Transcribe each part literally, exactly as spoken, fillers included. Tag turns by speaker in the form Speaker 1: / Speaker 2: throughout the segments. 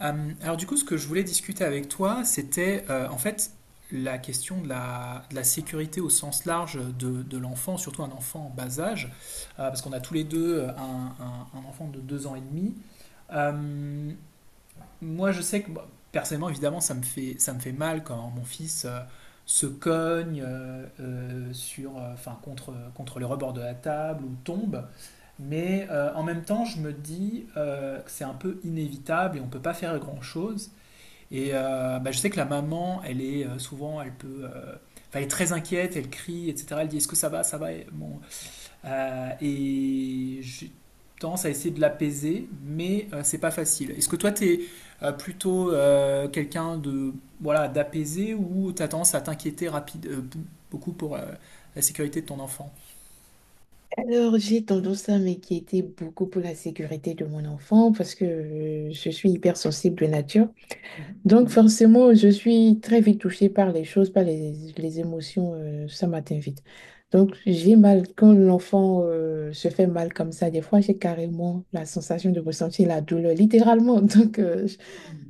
Speaker 1: Euh, alors du coup, ce que je voulais discuter avec toi, c'était euh, en fait la question de la, de la sécurité au sens large de, de l'enfant, surtout un enfant en bas âge, euh, parce qu'on a tous les deux euh, un, un- un enfant de deux ans et demi. Euh, moi, je sais que bah, personnellement, évidemment, ça me fait, ça me fait mal quand mon fils euh, se cogne euh, euh, sur, euh, enfin, contre, contre le rebord de la table ou tombe. Mais euh, en même temps, je me dis euh, que c'est un peu inévitable et on ne peut pas faire grand-chose. Et euh, bah, je sais que la maman, elle est euh, souvent, elle peut, euh, enfin, elle est très inquiète, elle crie, et cetera. Elle dit est-ce que ça va, ça va. Et, bon, euh, et j'ai tendance à essayer de l'apaiser, mais euh, c'est pas facile. Est-ce que toi, t'es euh, plutôt euh, quelqu'un de voilà d'apaisé ou t'as tendance à t'inquiéter rapide euh, bou- beaucoup pour euh, la sécurité de ton enfant?
Speaker 2: Alors, j'ai tendance à m'inquiéter beaucoup pour la sécurité de mon enfant parce que euh, je suis hyper sensible de nature. Donc, mhm, forcément, je suis très vite touchée par les choses, par les, les émotions. Euh, ça m'atteint vite. Donc, j'ai mal quand l'enfant euh, se fait mal comme ça. Des fois, j'ai carrément la sensation de ressentir la douleur, littéralement. Donc, euh,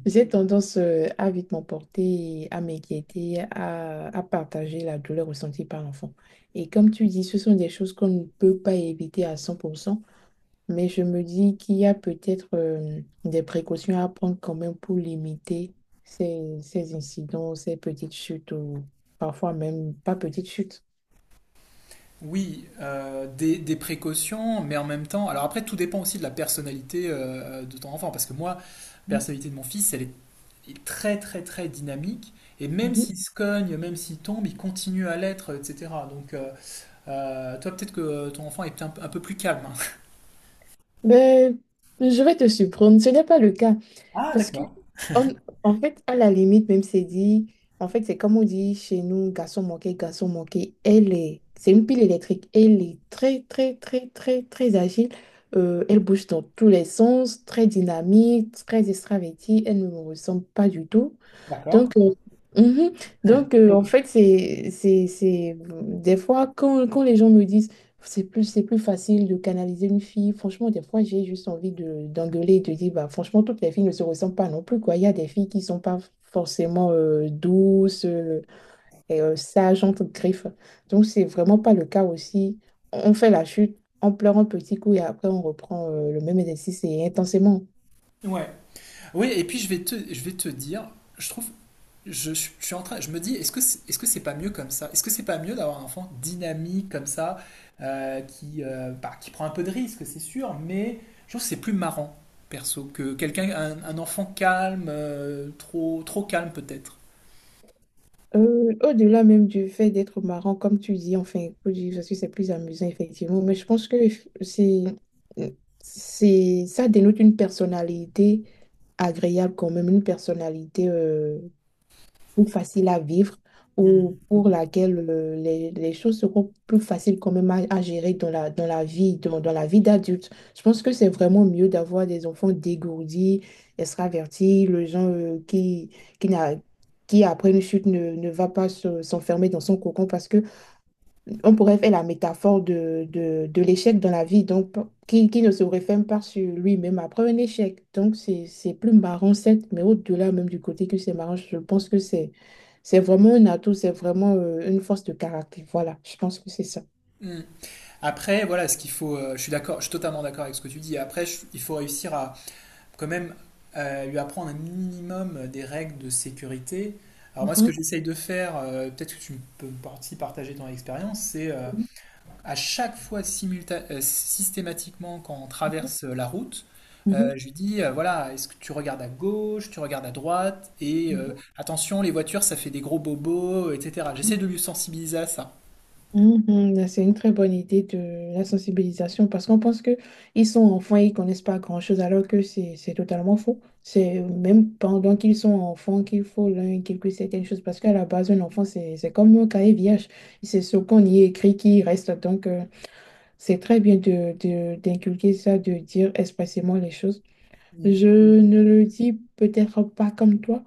Speaker 2: j'ai tendance euh, à vite m'emporter, à m'inquiéter, à, à partager la douleur ressentie par l'enfant. Et comme tu dis, ce sont des choses qu'on ne peut pas éviter à cent pour cent. Mais je me dis qu'il y a peut-être euh, des précautions à prendre quand même pour limiter ces, ces incidents, ces petites chutes ou parfois même pas petites chutes.
Speaker 1: Oui, euh, des, des précautions, mais en même temps, alors après, tout dépend aussi de la personnalité euh, de ton enfant, parce que moi, la personnalité de mon fils, elle est est très très très dynamique. Et même
Speaker 2: Mhm.
Speaker 1: s'il se cogne, même s'il tombe, il continue à l'être, et cetera. Donc, euh, euh, toi, peut-être que ton enfant est un, un peu plus calme, hein.
Speaker 2: Mais je vais te surprendre, ce n'est pas le cas. Parce que, on- en fait, à la limite, même c'est dit, en fait, c'est comme on dit chez nous, garçon manqué, garçon manqué, elle est, c'est une pile électrique, elle est très, très, très, très, très agile. Euh, elle bouge dans tous les sens, très dynamique, très extravertie, elle ne me ressemble pas du tout.
Speaker 1: D'accord.
Speaker 2: Donc, euh, mhm. Donc euh, en fait, c'est, c'est, c'est... Des fois, quand, quand les gens me disent c'est plus, c'est plus facile de canaliser une fille, franchement, des fois, j'ai juste envie de, d'engueuler et de dire, bah, franchement, toutes les filles ne se ressemblent pas non plus, quoi. Il y a des filles qui sont pas forcément euh, douces euh, et euh, sages, entre griffes. Donc, c'est vraiment pas le cas aussi. On fait la chute, on pleure un petit coup et après, on reprend euh, le même exercice et intensément.
Speaker 1: Ouais. Oui, et puis je vais te, je vais te dire, je trouve, je, je suis en train, je me dis, est-ce que c'est, est-ce que c'est pas mieux comme ça? Est-ce que c'est pas mieux d'avoir un enfant dynamique comme ça, euh, qui, euh, bah, qui prend un peu de risque, c'est sûr, mais je trouve que c'est plus marrant, perso, que quelqu'un, un, un enfant calme, euh, trop, trop calme peut-être.
Speaker 2: Euh, au-delà même du fait d'être marrant, comme tu dis, enfin, faut dire parce que c'est plus amusant, effectivement, mais je pense que c'est, c'est, ça dénote une personnalité agréable quand même, une personnalité euh, plus facile à vivre ou
Speaker 1: Hmm.
Speaker 2: pour laquelle euh, les, les choses seront plus faciles quand même à, à gérer dans la, dans la vie, dans, dans la vie d'adulte. Je pense que c'est vraiment mieux d'avoir des enfants dégourdis, extravertis, les gens euh, qui, qui, n'a- qui après une chute ne, ne va pas se- s'enfermer dans son cocon parce que on pourrait faire la métaphore de, de, de l'échec dans la vie, donc p- qui, qui ne se referme pas sur lui-même après un échec. Donc c'est, c'est plus marrant, certes, mais au-delà même du côté que c'est marrant, je pense que c'est, c'est vraiment un atout, c'est vraiment euh, une force de caractère. Voilà, je pense que c'est ça.
Speaker 1: Hmm. Après, voilà, ce qu'il faut, euh, je suis d'accord, je suis totalement d'accord avec ce que tu dis. Après, je- il faut réussir à quand même euh, lui apprendre un minimum des règles de sécurité. Alors moi, ce que
Speaker 2: Mhm.
Speaker 1: j'essaye de faire, euh, peut-être que tu peux aussi partager ton expérience, c'est euh, à chaque fois simulta- euh, systématiquement quand on traverse euh, la route, euh,
Speaker 2: Mhm.
Speaker 1: je lui dis, euh, voilà, est-ce que tu regardes à gauche, tu regardes à droite, et euh,
Speaker 2: Mhm.
Speaker 1: attention, les voitures, ça fait des gros bobos, et cetera.
Speaker 2: Mhm.
Speaker 1: J'essaie de lui sensibiliser à ça.
Speaker 2: Mhm, là, c'est une très bonne idée de la sensibilisation parce qu'on pense que ils sont enfants et ils connaissent pas grand-chose alors que c'est c'est totalement faux. C'est même pendant qu'ils sont enfants qu'il faut leur inculquer certaines choses parce qu'à la base, un enfant, c'est c'est comme un cahier vierge. C'est ce qu'on y écrit qui reste. Donc, euh, c'est très bien de, de- d'inculquer ça, de dire expressément les choses.
Speaker 1: Mm.
Speaker 2: Je ne le dis peut-être pas comme toi,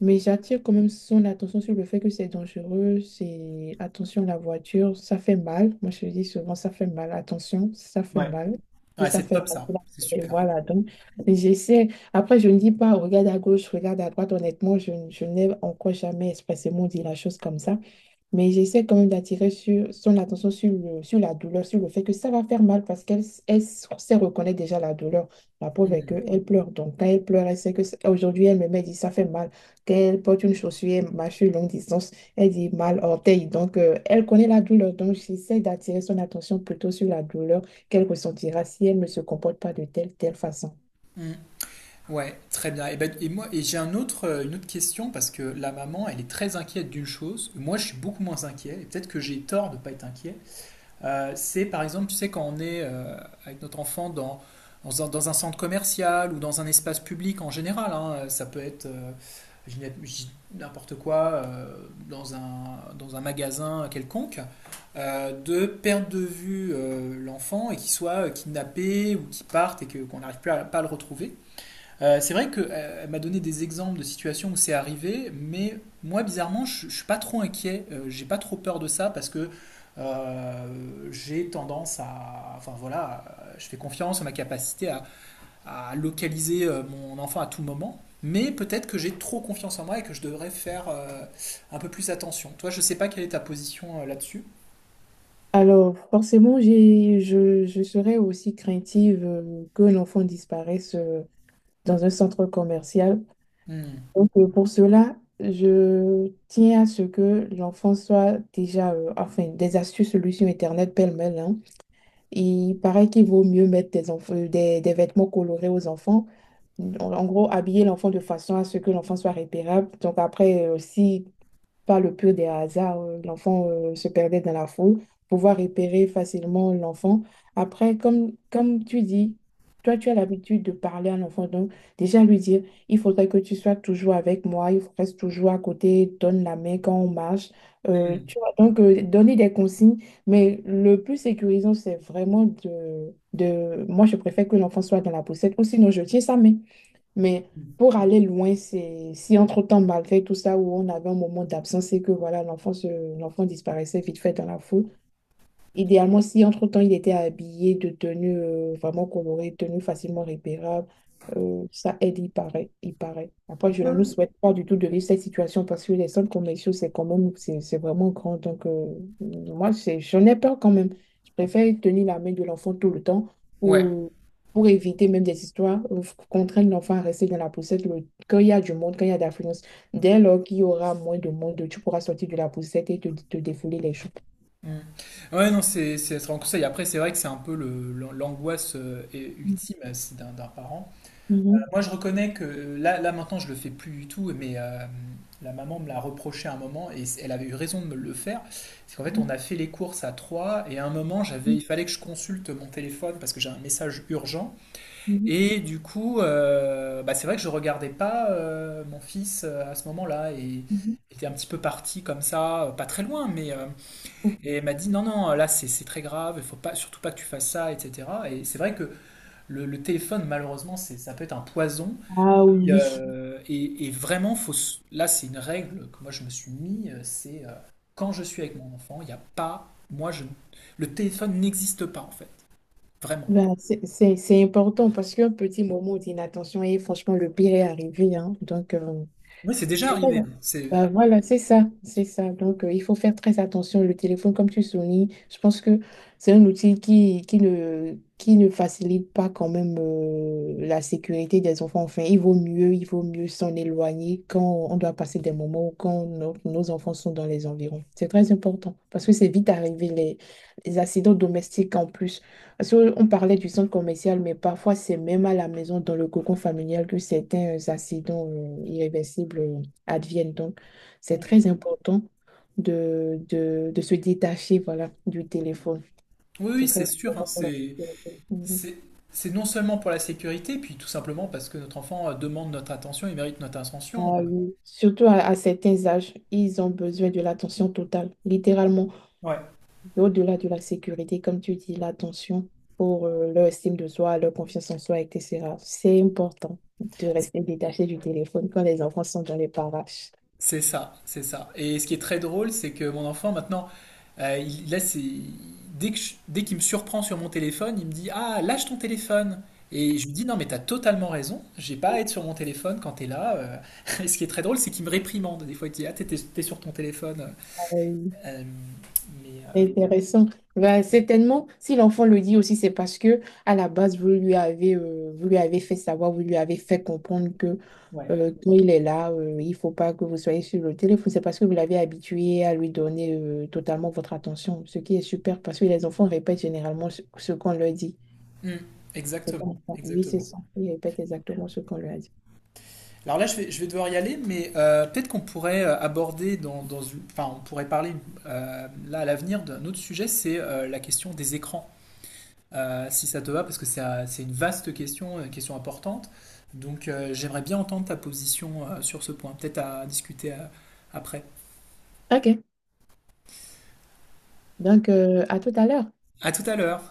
Speaker 2: mais j'attire quand même son attention sur le fait que c'est dangereux, c'est attention la voiture, ça fait mal. Moi, je dis souvent, ça fait mal, attention, ça fait
Speaker 1: Ouais,
Speaker 2: mal. Et
Speaker 1: ouais,
Speaker 2: ça
Speaker 1: c'est
Speaker 2: fait
Speaker 1: top
Speaker 2: mal.
Speaker 1: ça, c'est
Speaker 2: Et
Speaker 1: super.
Speaker 2: voilà, donc j'essaie. Après, je ne dis pas, regarde à gauche, regarde à droite. Honnêtement, je, je n'ai encore jamais expressément dit la chose comme ça. Mais j'essaie quand même d'attirer sur, son attention sur, le, sur la douleur, sur le fait que ça va faire mal parce qu'elle s- elle s- sait reconnaître déjà la douleur. La preuve est
Speaker 1: Mhm.
Speaker 2: qu'elle pleure. Donc, quand elle pleure, elle sait que c- aujourd'hui, elle me met, elle dit ça fait mal. Quand elle porte une chaussure, elle marche sur longue distance, elle dit mal orteil. Donc, euh, elle connaît la douleur. Donc, j'essaie d'attirer son attention plutôt sur la douleur qu'elle ressentira si elle ne se comporte pas de telle, telle façon.
Speaker 1: Mhm. Ouais, très bien. Et, ben, et moi, et j'ai un autre, euh, une autre question parce que la maman, elle est très inquiète d'une chose. Moi, je suis beaucoup moins inquiet. Et peut-être que j'ai tort de ne pas être inquiet. Euh, c'est par exemple, tu sais, quand on est euh, avec notre enfant dans, dans un, dans un centre commercial ou dans un espace public en général, hein, euh, ça peut être euh, je dis n'im- je dis n'importe quoi euh, dans un, dans un magasin quelconque, euh, de perdre de vue euh, l'enfant et qu'il soit euh, kidnappé ou qu'il parte et que, qu'on n'arrive plus à, pas à le retrouver. Euh, c'est vrai qu'elle m'a donné des exemples de situations où c'est arrivé, mais moi, bizarrement, je, je suis pas trop inquiet, euh, j'ai pas trop peur de ça parce que euh, j'ai tendance à, enfin voilà, euh, je fais confiance en ma capacité à, à localiser euh, mon enfant à tout moment, mais peut-être que j'ai trop confiance en moi et que je devrais faire euh, un peu plus attention. Toi, je sais pas quelle est ta position euh, là-dessus.
Speaker 2: Alors, forcément, j'ai, je, je serais aussi craintive euh, que l'enfant disparaisse dans un centre commercial.
Speaker 1: Hmm.
Speaker 2: Donc, euh, pour cela, je tiens à ce que l'enfant soit déjà, euh, enfin, des astuces, solutions Internet pêle-mêle, hein. Il paraît qu'il vaut mieux mettre des, enf- euh, des, des vêtements colorés aux enfants. En, en gros, habiller l'enfant de façon à ce que l'enfant soit repérable. Donc, après, aussi par le pur des hasards, euh, l'enfant euh, se perdait dans la foule, pouvoir repérer facilement l'enfant. Après, comme, comme tu dis, toi, tu as l'habitude de parler à l'enfant, donc déjà lui dire, il faudrait que tu sois toujours avec moi, il faut- reste toujours à côté, donne la main quand on marche. Euh,
Speaker 1: Hmm.
Speaker 2: tu vois, donc, euh, donner des consignes, mais le plus sécurisant, c'est vraiment de, de... Moi, je préfère que l'enfant soit dans la poussette, ou sinon je tiens sa main. Mais pour aller loin, c'est si entre-temps, malgré tout ça, où on avait un moment d'absence et que voilà, l'enfant se- l'enfant disparaissait vite fait dans la foule. Idéalement, si entre-temps il était habillé de tenue euh, vraiment colorée, tenue facilement repérable, euh, ça aide, il paraît, il paraît. Après, je ne nous souhaite pas du tout de vivre cette situation parce que les centres commerciaux, c'est quand même, c'est c'est vraiment grand. Donc, euh, moi, c'est- j'en ai peur quand même. Je préfère tenir la main de l'enfant tout le temps
Speaker 1: Ouais.
Speaker 2: ou pour éviter même des histoires, euh, contraindre l'enfant à rester dans la poussette le- quand il y a du monde, quand il y a d'affluence. Dès lors qu'il y aura moins de monde, tu pourras sortir de la poussette et te, te défouler les choses.
Speaker 1: Mm. Ouais, non, c'est c'est un conseil. Après, c'est vrai que c'est un peu le- l'angoisse euh, et- ultime euh, c'est d'un d'un parent.
Speaker 2: Mhm.
Speaker 1: Euh, Moi, je reconnais que euh, là, là maintenant, je le fais plus du tout, mais euh, la maman me l'a reproché à un moment et c- elle avait eu raison de me le faire. C'est qu'en fait, on a fait les courses à trois et à un moment, j'avais, il fallait que je consulte mon téléphone parce que j'ai un message urgent.
Speaker 2: Mhm,
Speaker 1: Et du coup, euh, bah, c'est vrai que je regardais pas euh, mon fils euh, à ce moment-là et il
Speaker 2: mhm.
Speaker 1: était un petit peu parti comme ça, euh, pas très loin, mais euh, et elle m'a dit non, non, là c'est c'est très grave, il faut pas, surtout pas que tu fasses ça, et cetera. Et c'est vrai que le, le téléphone, malheureusement, c'est, ça peut être un poison.
Speaker 2: Ah
Speaker 1: Et,
Speaker 2: oui,
Speaker 1: euh, et- et vraiment, faut, s- là c'est une règle que moi je me suis mis, euh, c'est euh, quand je suis avec mon enfant, il n'y a pas, moi je, le téléphone n'existe pas en fait, vraiment.
Speaker 2: bah, c'est c'est- c'est important parce qu'un petit moment d'inattention et franchement, le pire est arrivé, hein. Donc, euh,
Speaker 1: Oui, c'est déjà
Speaker 2: c'est ça.
Speaker 1: arrivé, hein. C'est,
Speaker 2: Bah voilà, c'est ça, c'est ça. Donc, euh, il faut faire très attention. Le téléphone, comme tu soulignes, je pense que c'est un outil qui, qui ne, qui ne facilite pas quand même euh, la sécurité des enfants. Enfin, il vaut mieux, il vaut mieux s'en éloigner quand on doit passer des moments ou quand nos, nos enfants sont dans les environs. C'est très important parce que c'est vite arrivé les, les accidents domestiques en plus. Parce que on parlait du centre commercial, mais parfois c'est même à la maison, dans le cocon familial, que certains accidents euh, irréversibles advienne. Donc, c'est très important de, de, de se détacher, voilà, du téléphone.
Speaker 1: oui,
Speaker 2: C'est
Speaker 1: oui,
Speaker 2: très
Speaker 1: c'est sûr, hein,
Speaker 2: important pour la
Speaker 1: c'est,
Speaker 2: sécurité. Mhm.
Speaker 1: c'est, c'est non seulement pour la sécurité, puis tout simplement parce que notre enfant euh, demande notre attention, il mérite notre attention.
Speaker 2: Ah oui. Surtout à, à certains âges, ils ont besoin de l'attention totale, littéralement,
Speaker 1: Ouais.
Speaker 2: au-delà de la sécurité, comme tu dis, l'attention pour euh, leur estime de soi, leur confiance en soi, et cetera. C'est important de rester détaché du téléphone quand les enfants sont dans les parages.
Speaker 1: C'est ça, c'est ça. Et ce qui est très drôle, c'est que mon enfant, maintenant, euh, il, là, c'est, dès que je- dès qu'il me surprend sur mon téléphone, il me dit, Ah, lâche ton téléphone. Et je lui dis, Non, mais t'as totalement raison, j'ai pas à être sur mon téléphone quand t'es là. euh. Et ce qui est très drôle, c'est qu'il me réprimande. Des fois, il dit, Ah, t'es, t'es- t'es sur ton téléphone. Euh, mais, euh,
Speaker 2: Intéressant. Ben, certainement, si l'enfant le dit aussi, c'est parce que à la base, vous lui avez, euh, vous lui avez fait savoir, vous lui avez fait comprendre que
Speaker 1: ouais.
Speaker 2: euh, quand il est là, euh, il faut pas que vous soyez sur le téléphone. C'est parce que vous l'avez habitué à lui donner euh, totalement votre attention, ce qui est super parce que les enfants répètent généralement ce, ce qu'on leur dit.
Speaker 1: Mm,
Speaker 2: C'est
Speaker 1: exactement,
Speaker 2: comme ça. Oui, c'est
Speaker 1: exactement.
Speaker 2: ça. Ils répètent exactement ce qu'on leur a dit.
Speaker 1: Alors là, je vais, je vais devoir y aller, mais euh, peut-être qu'on pourrait euh, aborder dans, dans une- enfin, on pourrait parler euh, là à l'avenir d'un autre sujet, c'est euh, la question des écrans. Euh, si ça te va, parce que c'est euh, c'est une vaste question, une question importante. Donc euh, j'aimerais bien entendre ta position euh, sur ce point, peut-être à discuter euh, après.
Speaker 2: OK. Donc, euh, à tout à l'heure.
Speaker 1: À tout à l'heure.